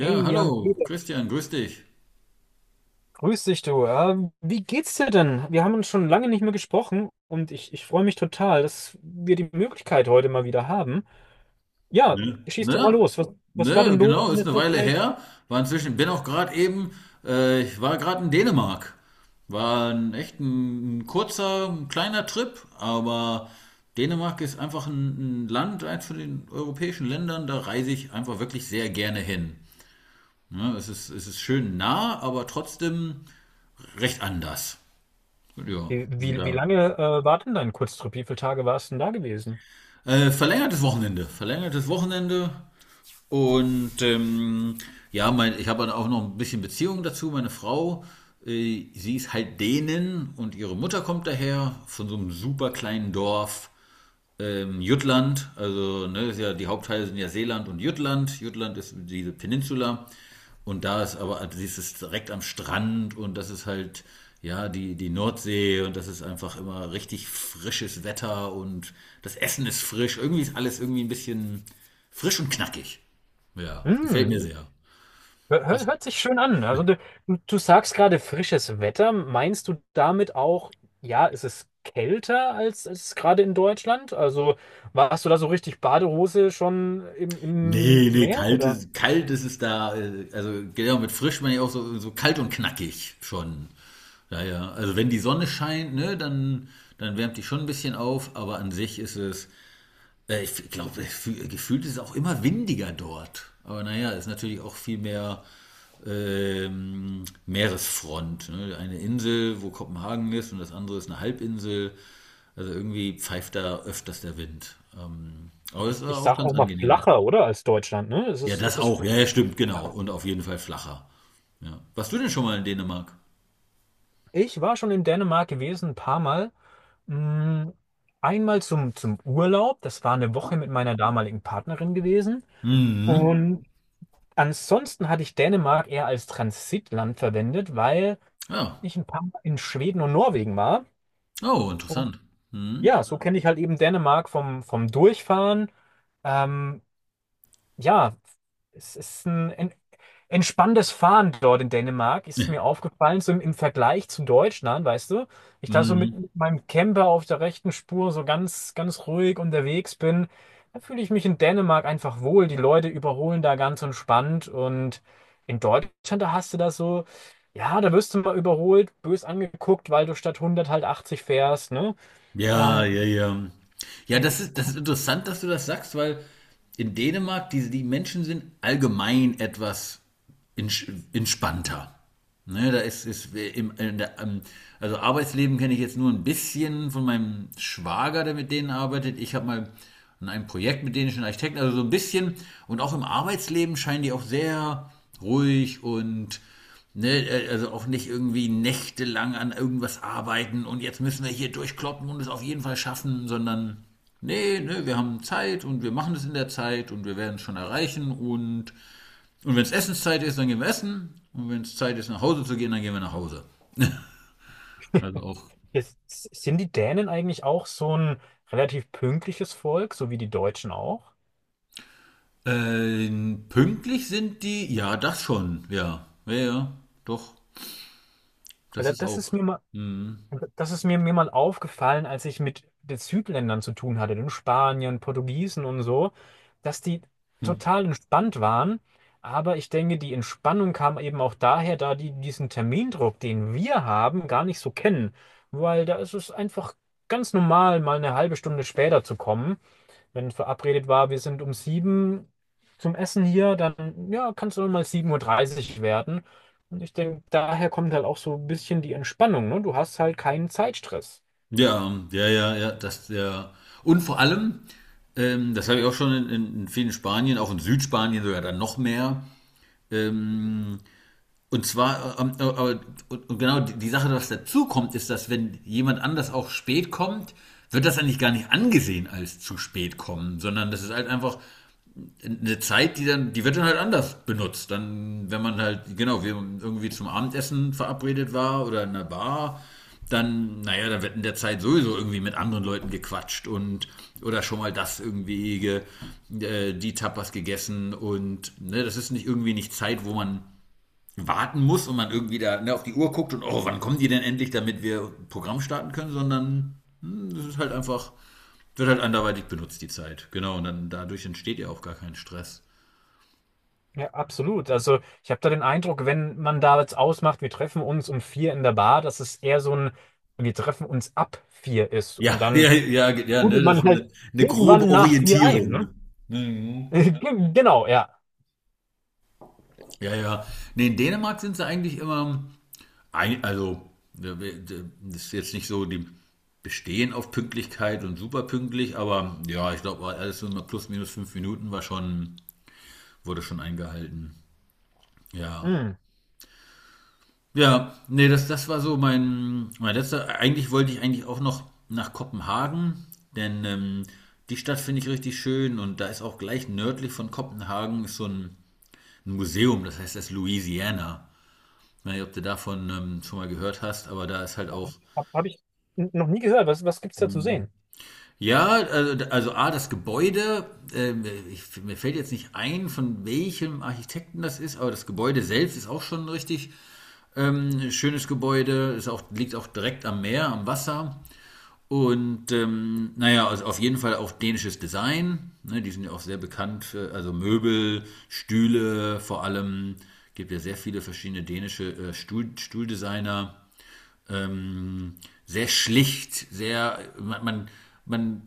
Ja, Hey hallo, Jan-Peter, Christian, grüß dich. grüß dich du. Wie geht's dir denn? Wir haben uns schon lange nicht mehr gesprochen und ich freue mich total, dass wir die Möglichkeit heute mal wieder haben. Ja, Ne? schieß du mal Ne? los. Was war Ne, denn los genau, in ist eine letzter Weile Zeit? her. War inzwischen, bin auch gerade eben, ich war gerade in Dänemark. War ein echt ein kurzer, ein kleiner Trip, aber Dänemark ist einfach ein Land, eins von den europäischen Ländern, da reise ich einfach wirklich sehr gerne hin. Ne, es ist schön nah, aber trotzdem recht anders. Ja, Wie, und wie, wie da. lange war denn dein Kurztrip? Wie viele Tage warst du denn da gewesen? Verlängertes Wochenende. Verlängertes Wochenende. Und ja, mein, ich habe dann auch noch ein bisschen Beziehung dazu. Meine Frau, sie ist halt Dänen und ihre Mutter kommt daher von so einem super kleinen Dorf Jutland, also ne, ist ja, die Hauptteile sind ja Seeland und Jütland. Jütland ist diese Peninsula und da ist aber, also es ist direkt am Strand und das ist halt, ja, die Nordsee und das ist einfach immer richtig frisches Wetter und das Essen ist frisch. Irgendwie ist alles irgendwie ein bisschen frisch und knackig. Ja, gefällt mir Hm, sehr. Hör, hör- Was, hört sich schön an. Also du sagst gerade frisches Wetter. Meinst du damit auch, ja, ist es ist kälter als es gerade in Deutschland? Also warst du da so richtig Badehose schon im nee, nee, Meer oder? Kalt ist es da, also genau mit frisch meine ich auch so, so kalt und knackig schon. Ja, ja. Also wenn die Sonne scheint, ne, dann, dann wärmt die schon ein bisschen auf, aber an sich ist es, ich glaube, gefühlt ist es auch immer windiger dort. Aber naja, ist natürlich auch viel mehr Meeresfront. Ne? Eine Insel, wo Kopenhagen ist, und das andere ist eine Halbinsel. Also irgendwie pfeift da öfters der Wind. Aber Ich, es war ich auch sag ganz auch mal angenehm. flacher, oder? Als Deutschland, ne? Ja, Es das ist auch. flacher. Ja, ja, stimmt, genau. Und auf jeden Fall flacher. Ja. Warst du denn schon mal in Dänemark? Ich war schon in Dänemark gewesen, ein paar Mal. Mm, einmal zum Urlaub. Das war eine Woche mit meiner damaligen Partnerin gewesen. Mhm. Und ansonsten hatte ich Dänemark eher als Transitland verwendet, weil Ja. ich ein paar Mal in Schweden und Norwegen war. Oh, Und interessant. Mhm. ja, so kenne ich halt eben Dänemark vom Durchfahren. Ähm, ja, es ist ein entspanntes Fahren dort in Dänemark ist mir aufgefallen, so im Vergleich zu Deutschland, weißt du? Ich da so Mhm. mit meinem Camper auf der rechten Spur so ganz ruhig unterwegs bin, da fühle ich mich in Dänemark einfach wohl. Die Leute überholen da ganz entspannt und in Deutschland, da hast du das so, ja, da wirst du mal überholt, bös angeguckt, weil du statt 100 halt 80 fährst, ne? Ja, Ähm, ja, ja. Ja, das ist interessant, dass du das sagst, weil in Dänemark die Menschen sind allgemein etwas entspannter. Ne, ist im, in der, also Arbeitsleben kenne ich jetzt nur ein bisschen von meinem Schwager, der mit denen arbeitet. Ich habe mal an einem Projekt mit dänischen Architekten, also so ein bisschen. Und auch im Arbeitsleben scheinen die auch sehr ruhig und ne, also auch nicht irgendwie nächtelang an irgendwas arbeiten und jetzt müssen wir hier durchkloppen und es auf jeden Fall schaffen, sondern nee, nee, wir haben Zeit und wir machen es in der Zeit und wir werden es schon erreichen, und wenn es Essenszeit ist, dann gehen wir essen, und wenn es Zeit ist, nach Hause zu gehen, dann gehen wir nach Hause. Also auch jetzt, sind die Dänen eigentlich auch so ein relativ pünktliches Volk, so wie die Deutschen auch? äh, pünktlich sind die, ja, das schon, ja, ja, ja, doch, Ja, das ist das ist auch. mir mal. Mhm. Und das ist mir mal aufgefallen, als ich mit den Südländern zu tun hatte, den Spaniern, Portugiesen und so, dass die total entspannt waren. Aber ich denke, die Entspannung kam eben auch daher, da die diesen Termindruck, den wir haben, gar nicht so kennen. Weil da ist es einfach ganz normal, mal eine halbe Stunde später zu kommen. Wenn verabredet war, wir sind um sieben zum Essen hier, dann ja, kann es auch mal sieben Uhr dreißig werden. Und ich denke, daher kommt halt auch so ein bisschen die Entspannung, ne? Du hast halt keinen Zeitstress. Ja, ja, ja, ja, das, ja. Und vor allem, das habe ich auch schon in vielen Spanien, auch in Südspanien sogar dann noch mehr. Und zwar, aber, und genau die Sache, was dazu kommt, ist, dass wenn jemand anders auch spät kommt, wird das eigentlich gar nicht angesehen als zu spät kommen, sondern das ist halt einfach eine Zeit, die dann, die wird dann halt anders benutzt. Dann, wenn man halt, genau, wir irgendwie zum Abendessen verabredet war oder in einer Bar, dann, naja, dann wird in der Zeit sowieso irgendwie mit anderen Leuten gequatscht und oder schon mal das irgendwie ge, die Tapas gegessen und ne, das ist nicht irgendwie nicht Zeit, wo man warten muss und man irgendwie da ne, auf die Uhr guckt und oh, wann kommen die denn endlich, damit wir Programm starten können, sondern hm, das ist halt einfach, wird halt anderweitig benutzt, die Zeit. Genau, und dann dadurch entsteht ja auch gar kein Stress. Ja, absolut. Also ich habe da den Eindruck, wenn man da jetzt ausmacht, wir treffen uns um vier in der Bar, dass es eher so ein, wir treffen uns ab vier ist und Ja, dann ja, ja, ja, ne, rudelt das man ist halt eine grobe irgendwann nach vier ein, Orientierung. ne? Mhm. Genau, ja. Ja, ja. Nee, in Dänemark sind sie eigentlich immer, ein, also, das ist jetzt nicht so, die bestehen auf Pünktlichkeit und super pünktlich, aber ja, ich glaube, alles so immer plus minus fünf Minuten war schon, wurde schon eingehalten. Ja. Hm. Ja, nee, das, das war so mein letzter. Eigentlich wollte ich eigentlich auch noch nach Kopenhagen, denn die Stadt finde ich richtig schön, und da ist auch gleich nördlich von Kopenhagen ist so ein Museum, das heißt das Louisiana. Ich weiß nicht, ob du davon schon mal gehört hast, aber da ist halt auch. Hab ich noch nie gehört. Was gibt's da zu sehen? Ja, also A, das Gebäude, ähm, ich, mir fällt jetzt nicht ein, von welchem Architekten das ist, aber das Gebäude selbst ist auch schon ein richtig schönes Gebäude, ist auch, liegt auch direkt am Meer, am Wasser. Und naja, also auf jeden Fall auch dänisches Design. Ne, die sind ja auch sehr bekannt für, also Möbel, Stühle, vor allem gibt ja sehr viele verschiedene dänische Stuhl, Stuhldesigner. Ähm, Sehr schlicht, sehr, man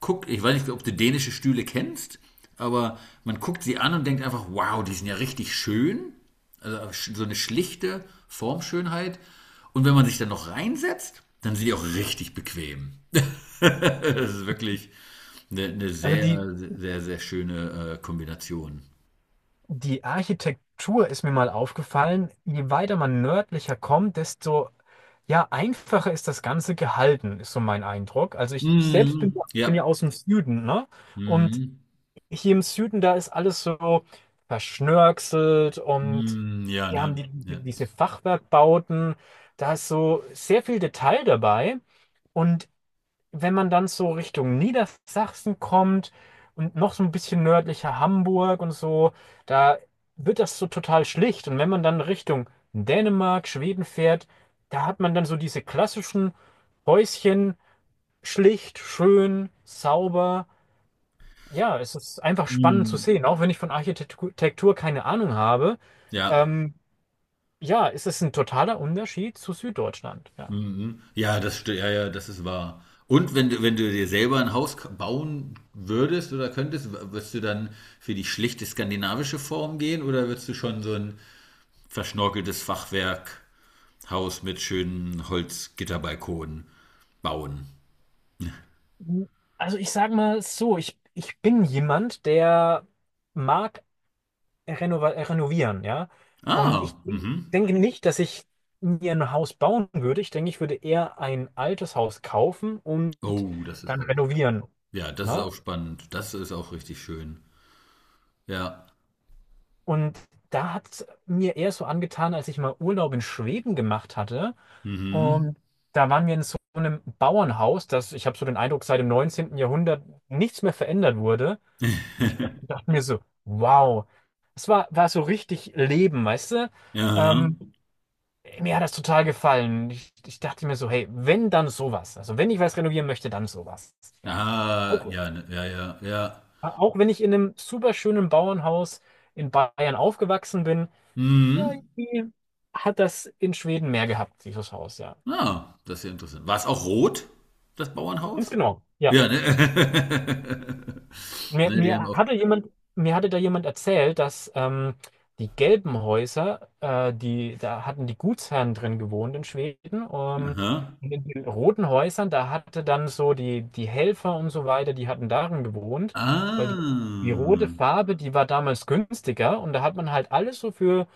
guckt, ich weiß nicht, ob du dänische Stühle kennst, aber man guckt sie an und denkt einfach, wow, die sind ja richtig schön. Also so eine schlichte Formschönheit. Und wenn man sich dann noch reinsetzt, dann sind die auch richtig bequem. Das ist wirklich eine Also die, sehr, sehr, sehr schöne Kombination. Die Architektur ist mir mal aufgefallen. Je weiter man nördlicher kommt, desto ja, einfacher ist das Ganze gehalten, ist so mein Eindruck. Also ich selbst bin, Mhm. Bin ja Ja. aus dem Süden, ne? Und Mhm. hier im Süden, da ist alles so verschnörkelt und Mhm. Ja, wir haben ne? Ja. diese Fachwerkbauten. Da ist so sehr viel Detail dabei. Und wenn man dann so Richtung Niedersachsen kommt und noch so ein bisschen nördlicher Hamburg und so, da wird das so total schlicht. Und wenn man dann Richtung Dänemark, Schweden fährt, da hat man dann so diese klassischen Häuschen, schlicht, schön, sauber. Ja, es ist einfach spannend zu Mhm. sehen, auch wenn ich von Architektur keine Ahnung habe. Ja. Ähm, ja, es ist ein totaler Unterschied zu Süddeutschland. Ja. Mhm. Ja, das sti-, ja, ja, das ist wahr. Und wenn du, wenn du dir selber ein Haus k- bauen würdest oder könntest, w- würdest du dann für die schlichte skandinavische Form gehen oder würdest du schon so ein verschnorkeltes Fachwerkhaus mit schönen Holzgitterbalkonen bauen? Hm, also ich sage mal so, ich bin jemand, der mag renovieren, ja. Und Ah, ich mhm. denke nicht, dass ich mir ein Haus bauen würde. Ich denke, ich würde eher ein altes Haus kaufen und Oh, das ist dann auch. renovieren. Ja, das ist Ne? auch spannend. Das ist auch richtig schön. Ja. Und da hat es mir eher so angetan, als ich mal Urlaub in Schweden gemacht hatte. Mhm. Und da waren wir in so einem Bauernhaus, das, ich habe so den Eindruck, seit dem neunzehnten Jahrhundert nichts mehr verändert wurde. Und ich dachte mir so, wow. War so richtig Leben, weißt du? Ja. Ähm, mir hat das total gefallen. Ich dachte mir so, hey, wenn dann sowas. Also wenn ich was renovieren möchte, dann sowas. Ja. Ah, Auch, ja, ne, ja, ja, ja. auch wenn ich in einem super schönen Bauernhaus in Bayern aufgewachsen bin, ja, Mhm. irgendwie hat das in Schweden mehr gehabt, dieses Haus, ja. Ah, das ist ja interessant. War es auch rot, das Ganz Bauernhaus? genau. Ja. Ja, ne? Mir, Ne, die haben mir auch. hatte jemand, mir hatte da jemand erzählt, dass die gelben Häuser, da hatten die Gutsherren drin gewohnt in Schweden. Aha. Und in den roten Häusern, da hatte dann so die Helfer und so weiter, die hatten darin gewohnt, weil die rote Ah. Farbe, die war damals günstiger und da hat man halt alles so für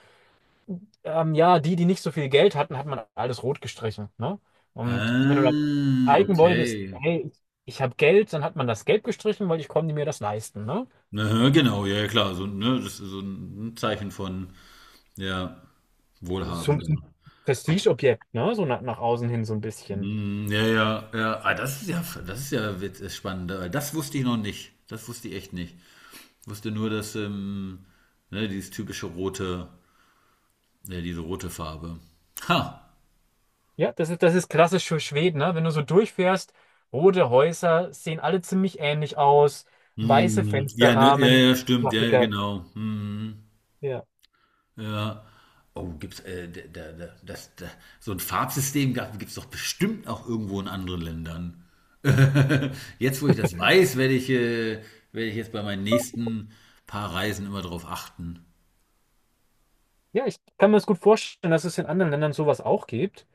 ja, die nicht so viel Geld hatten, hat man alles rot gestrichen. Ne? Und wenn du dann Ah, zeigen Hm. wolltest, okay. hey, ich habe Geld, dann hat man das gelb gestrichen, weil ich konnte mir das leisten. Ne? Aha, genau, ja, ja, klar. So, ne, das ist so ein Zeichen von, ja, Das ist so ein bisschen wohlhabender. Prestigeobjekt, ne? So nach außen hin so ein bisschen. Hm, ja, ja, ja. Ah, das ist ja wit-, spannend. Das wusste ich noch nicht. Das wusste ich echt nicht. Ich wusste nur, dass ne, dieses typische rote, ja, diese rote Farbe. Ha. Ja, das ist klassisch für Schweden, ne? Wenn du so durchfährst, rote Häuser sehen alle ziemlich ähnlich aus, weiße Hm, ja, ne, ja, Fensterrahmen, ja, stimmt. Ja, ja, Klassiker. genau. Hm, Ja. ja. Oh, gibt's da, da, da, das, da, so ein Farbsystem gab, gibt's doch bestimmt auch irgendwo in anderen Ländern. Jetzt, wo ich das weiß, werde ich jetzt bei meinen nächsten paar Reisen immer drauf achten. Ja, ich kann mir das gut vorstellen, dass es in anderen Ländern sowas auch gibt.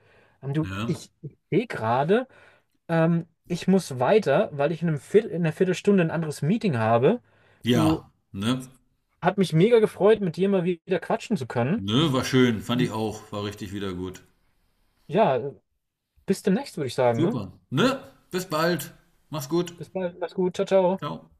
Du, Ja. ich sehe gerade. Ich muss weiter, weil ich in einem Viertelstunde ein anderes Meeting habe. Du, Ja, ne? hat mich mega gefreut, mit dir mal wieder quatschen zu können. Ne, war schön, fand ich auch, war richtig wieder gut. Ja, bis demnächst, würde ich sagen, ne? Super. Ne? Bis bald. Mach's gut. Bis bald, mach's gut, ciao, ciao. Ciao.